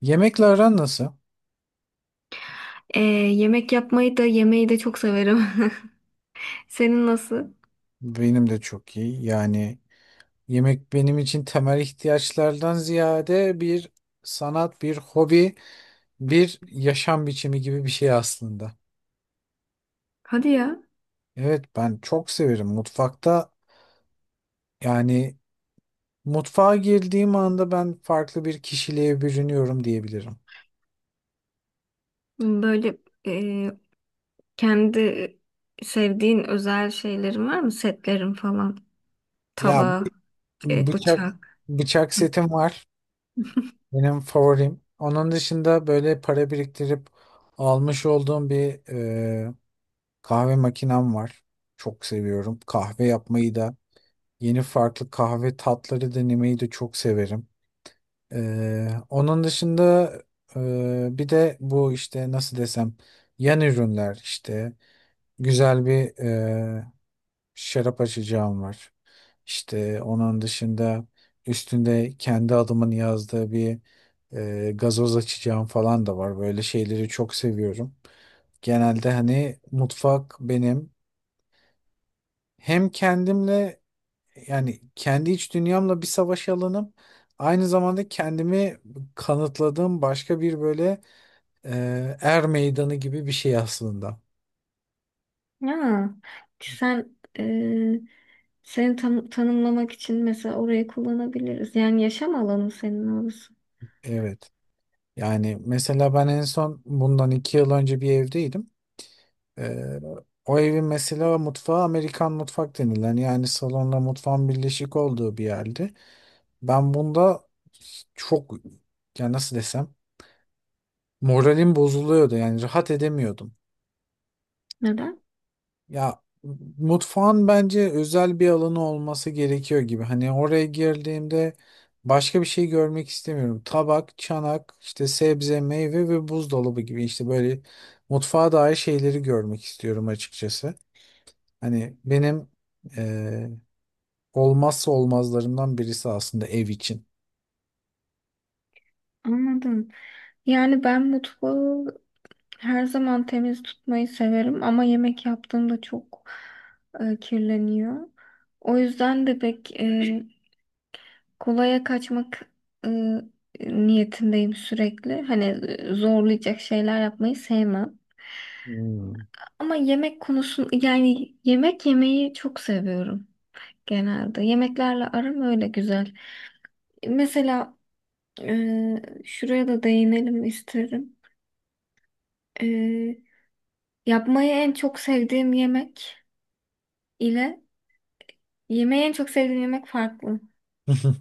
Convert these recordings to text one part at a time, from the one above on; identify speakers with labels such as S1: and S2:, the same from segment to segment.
S1: Yemekle aran nasıl?
S2: Ee, Yemek yapmayı da yemeği de çok severim. Senin nasıl?
S1: Benim de çok iyi. Yemek benim için temel ihtiyaçlardan ziyade bir sanat, bir hobi, bir yaşam biçimi gibi bir şey aslında.
S2: Hadi ya.
S1: Evet, ben çok severim mutfakta. Yani Mutfağa girdiğim anda ben farklı bir kişiliğe bürünüyorum diyebilirim.
S2: Böyle e, kendi sevdiğin özel şeylerin var mı? Setlerin falan.
S1: Ya
S2: Tava,
S1: bıçak
S2: bıçak.
S1: bıçak
S2: Hı.
S1: setim var. Benim favorim. Onun dışında böyle para biriktirip almış olduğum bir kahve makinem var. Çok seviyorum. Kahve yapmayı da, yeni farklı kahve tatları denemeyi de çok severim. Onun dışında bir de bu işte nasıl desem yan ürünler işte güzel bir şarap açacağım var. İşte onun dışında üstünde kendi adımın yazdığı bir gazoz açacağım falan da var. Böyle şeyleri çok seviyorum. Genelde hani mutfak benim hem kendimle, yani kendi iç dünyamla bir savaş alanım. Aynı zamanda kendimi kanıtladığım başka bir böyle er meydanı gibi bir şey aslında.
S2: Ya sen tanımlamak için mesela orayı kullanabiliriz. Yani yaşam alanı senin orası.
S1: Evet. Yani mesela ben en son bundan iki yıl önce bir evdeydim. E, O evin mesela mutfağı Amerikan mutfak denilen, yani salonla mutfağın birleşik olduğu bir yerdi. Ben bunda çok, ya nasıl desem, moralim bozuluyordu, yani rahat edemiyordum.
S2: Neden?
S1: Ya mutfağın bence özel bir alanı olması gerekiyor gibi. Hani oraya girdiğimde başka bir şey görmek istemiyorum. Tabak, çanak, işte sebze, meyve ve buzdolabı gibi işte böyle mutfağa dair şeyleri görmek istiyorum açıkçası. Hani benim eee, olmazsa olmazlarımdan birisi aslında ev için.
S2: Anladım. Yani ben mutfağı her zaman temiz tutmayı severim ama yemek yaptığımda çok kirleniyor. O yüzden de pek kolaya kaçmak e, niyetindeyim sürekli. Hani zorlayacak şeyler yapmayı sevmem.
S1: Hmm.
S2: Ama yemek konusun yani yemek yemeyi çok seviyorum genelde. Yemeklerle aram öyle güzel. Mesela şuraya da değinelim isterim. E, Yapmayı en çok sevdiğim yemek ile yemeği en çok sevdiğim yemek farklı.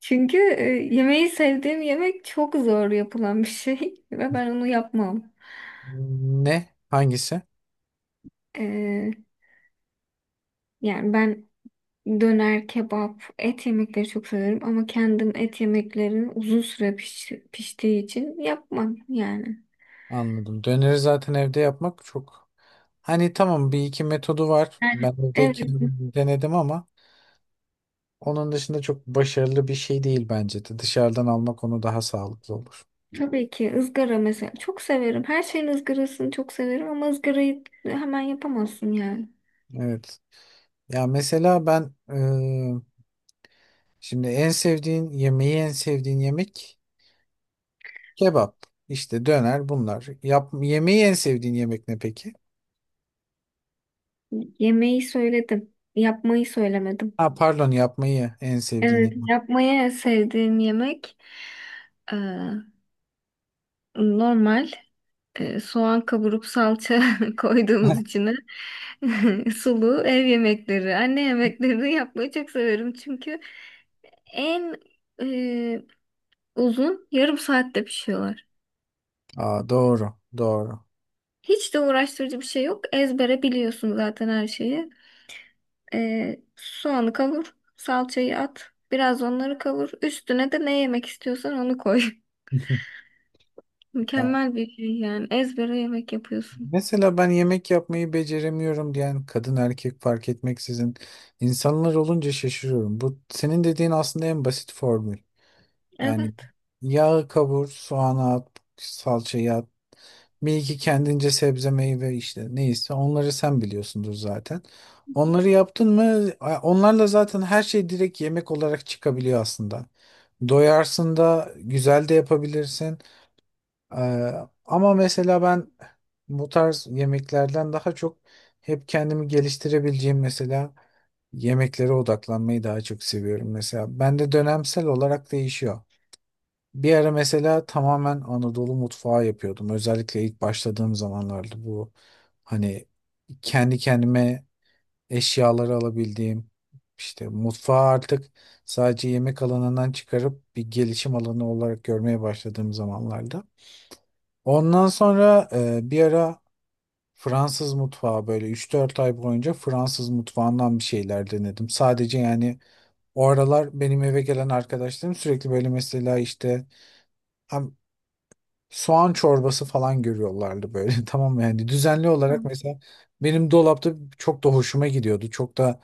S2: Çünkü yemeği sevdiğim yemek çok zor yapılan bir şey ve ben onu yapmam.
S1: Ne? Hangisi?
S2: E, Yani ben döner, kebap, et yemekleri çok severim ama kendim et yemeklerini uzun süre piştiği için yapmam yani.
S1: Anladım. Döneri zaten evde yapmak çok... Hani tamam bir iki metodu var.
S2: Yani.
S1: Ben evde
S2: Evet.
S1: kendim denedim ama onun dışında çok başarılı bir şey değil bence de. Dışarıdan almak onu daha sağlıklı olur.
S2: Tabii ki ızgara mesela çok severim. Her şeyin ızgarasını çok severim ama ızgarayı hemen yapamazsın yani.
S1: Evet. Ya mesela ben şimdi en sevdiğin yemeği, en sevdiğin yemek kebap. İşte döner bunlar. Yap, yemeği en sevdiğin yemek ne peki?
S2: Yemeği söyledim, yapmayı söylemedim.
S1: Ha pardon, yapmayı en sevdiğin
S2: Evet,
S1: yemek.
S2: yapmaya sevdiğim yemek e, normal soğan kavurup salça koyduğumuz içine sulu ev yemekleri, anne yemeklerini yapmayı çok severim çünkü en e, uzun yarım saatte pişiyorlar.
S1: Aa, doğru. Doğru.
S2: Hiç de uğraştırıcı bir şey yok. Ezbere biliyorsun zaten her şeyi. Soğanı kavur, salçayı at, biraz onları kavur. Üstüne de ne yemek istiyorsan onu koy. Mükemmel bir şey yani. Ezbere yemek yapıyorsun.
S1: Mesela ben yemek yapmayı beceremiyorum diyen, kadın erkek fark etmeksizin insanlar olunca şaşırıyorum. Bu senin dediğin aslında en basit formül. Yani
S2: Evet.
S1: yağı kavur, soğanı at, salçayı at. Bir iki kendince sebze meyve işte neyse onları sen biliyorsundur zaten. Onları yaptın mı onlarla zaten her şey direkt yemek olarak çıkabiliyor aslında. Doyarsın da güzel de yapabilirsin. Ee, Ama mesela ben bu tarz yemeklerden daha çok hep kendimi geliştirebileceğim mesela yemeklere odaklanmayı daha çok seviyorum. Mesela bende dönemsel olarak değişiyor. Bir ara mesela tamamen Anadolu mutfağı yapıyordum. Özellikle ilk başladığım zamanlarda, bu hani kendi kendime eşyaları alabildiğim, işte mutfağı artık sadece yemek alanından çıkarıp bir gelişim alanı olarak görmeye başladığım zamanlarda. Ondan sonra bir ara Fransız mutfağı, böyle üç dört ay boyunca Fransız mutfağından bir şeyler denedim. Sadece yani o aralar benim eve gelen arkadaşlarım sürekli böyle mesela işte hem soğan çorbası falan görüyorlardı böyle tamam mı? Yani düzenli olarak
S2: Tamam.
S1: mesela benim dolapta çok da hoşuma gidiyordu. Çok da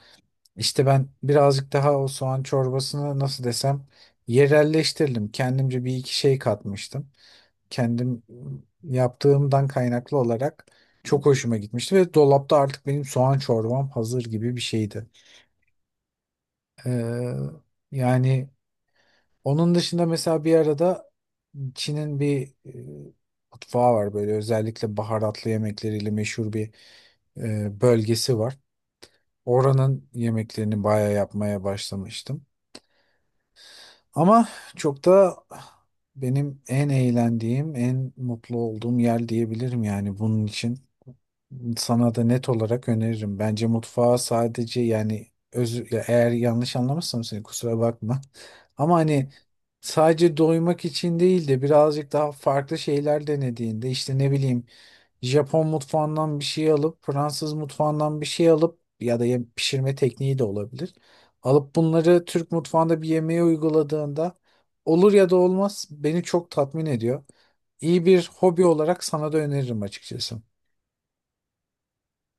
S1: işte ben birazcık daha o soğan çorbasını nasıl desem yerelleştirdim. Kendimce bir iki şey katmıştım, kendim yaptığımdan kaynaklı olarak çok hoşuma gitmişti ve dolapta artık benim soğan çorbam hazır gibi bir şeydi. Ee, Yani onun dışında mesela bir arada Çin'in bir mutfağı var, böyle özellikle baharatlı yemekleriyle meşhur bir bölgesi var. Oranın yemeklerini bayağı yapmaya başlamıştım. Ama çok da benim en eğlendiğim, en mutlu olduğum yer diyebilirim yani bunun için. Sana da net olarak öneririm. Bence mutfağa sadece yani özür, ya eğer yanlış anlamışsam seni kusura bakma. Ama hani sadece doymak için değil de birazcık daha farklı şeyler denediğinde işte ne bileyim Japon mutfağından bir şey alıp Fransız mutfağından bir şey alıp ya da pişirme tekniği de olabilir. Alıp bunları Türk mutfağında bir yemeğe uyguladığında olur ya da olmaz, beni çok tatmin ediyor. İyi bir hobi olarak sana da öneririm açıkçası.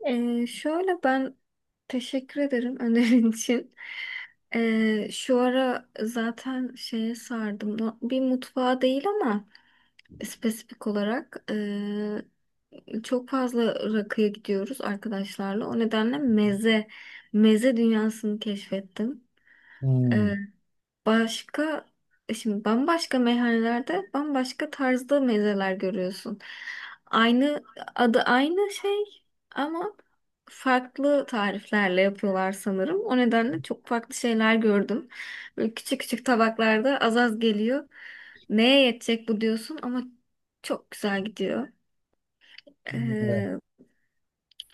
S2: Şöyle ben teşekkür ederim önerin için. Şu ara zaten şeye sardım. Bir mutfağa değil ama. Spesifik olarak çok fazla rakıya gidiyoruz arkadaşlarla. O nedenle meze dünyasını keşfettim.
S1: Hmm.
S2: Başka şimdi bambaşka meyhanelerde bambaşka tarzda mezeler görüyorsun. Aynı adı aynı şey ama farklı tariflerle yapıyorlar sanırım. O nedenle çok farklı şeyler gördüm. Böyle küçük küçük tabaklarda az az geliyor. Neye yetecek bu diyorsun ama çok güzel gidiyor.
S1: Evet.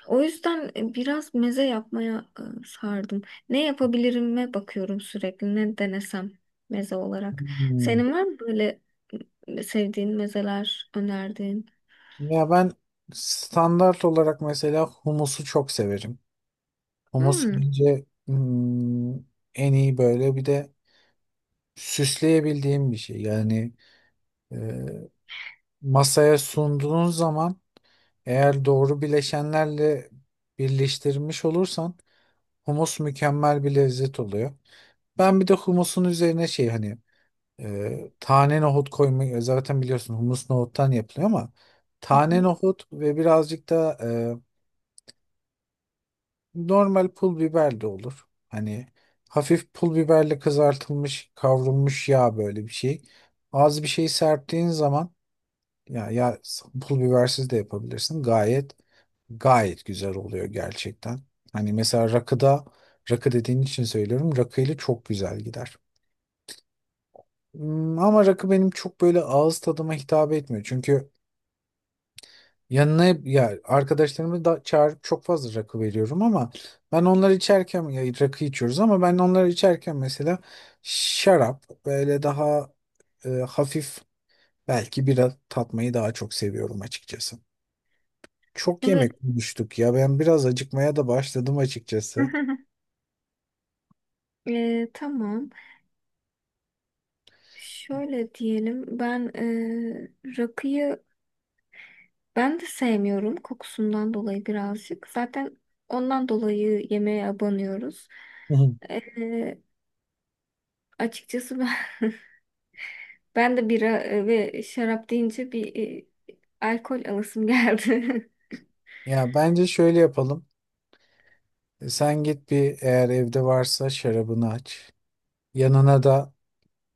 S2: O yüzden biraz meze yapmaya sardım. Ne yapabilirim'e bakıyorum sürekli. Ne denesem meze olarak.
S1: Hmm.
S2: Senin var mı böyle sevdiğin mezeler önerdiğin?
S1: Ya ben standart olarak mesela humusu çok severim. Humus
S2: Hmm.
S1: bence hmm, en iyi böyle bir de süsleyebildiğim bir şey. Yani e, masaya sunduğun zaman eğer doğru bileşenlerle birleştirmiş olursan humus mükemmel bir lezzet oluyor. Ben bir de humusun üzerine şey hani tane nohut koymayı zaten biliyorsun, humus nohuttan yapılıyor ama
S2: Hı
S1: tane
S2: hı.
S1: nohut ve birazcık da normal pul biber de olur. Hani hafif pul biberle kızartılmış kavrulmuş yağ, böyle bir şey. Az bir şey serptiğin zaman ya, ya pul bibersiz de yapabilirsin. Gayet güzel oluyor gerçekten. Hani mesela rakıda, rakı dediğin için söylüyorum. Rakıyla çok güzel gider. Hmm, ama rakı benim çok böyle ağız tadıma hitap etmiyor. Çünkü yanına ya arkadaşlarımı da çağırıp çok fazla rakı veriyorum ama ben onları içerken ya rakı içiyoruz ama ben onları içerken mesela şarap böyle daha hafif, belki bira tatmayı daha çok seviyorum açıkçası. Çok
S2: Evet.
S1: yemek konuştuk ya, ben biraz acıkmaya da başladım açıkçası.
S2: E, tamam. Şöyle diyelim. Ben rakıyı ben de sevmiyorum kokusundan dolayı birazcık. Zaten ondan dolayı yemeğe abanıyoruz.
S1: Hı hı.
S2: E, Açıkçası ben ben de bira ve şarap deyince alkol alasım geldi.
S1: Ya bence şöyle yapalım. Sen git bir, eğer evde varsa şarabını aç. Yanına da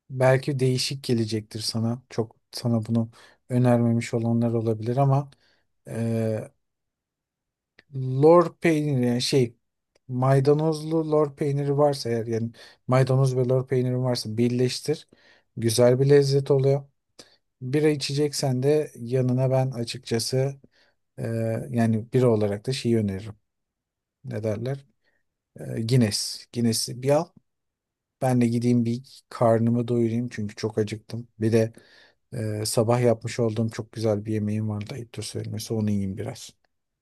S1: belki değişik gelecektir sana. Çok sana bunu önermemiş olanlar olabilir ama e, lor peyniri, yani şey, maydanozlu lor peyniri varsa eğer, yani maydanoz ve lor peyniri varsa birleştir. Güzel bir lezzet oluyor. Bira içeceksen de yanına ben açıkçası e, yani bira olarak da şeyi öneririm. Ne derler? Guinness. Guinness'i bir al. Ben de gideyim bir karnımı doyurayım çünkü çok acıktım. Bir de sabah yapmış olduğum çok güzel bir yemeğim vardı, ayıptır söylemesi. Onu yiyeyim biraz.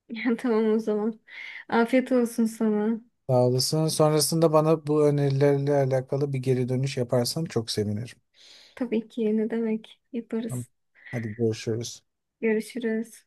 S2: Ya tamam o zaman. Afiyet olsun sana.
S1: Sağ olasın. Sonrasında bana bu önerilerle alakalı bir geri dönüş yaparsan çok sevinirim.
S2: Tabii ki ne demek.
S1: Tamam.
S2: Yaparız.
S1: Hadi görüşürüz.
S2: Görüşürüz.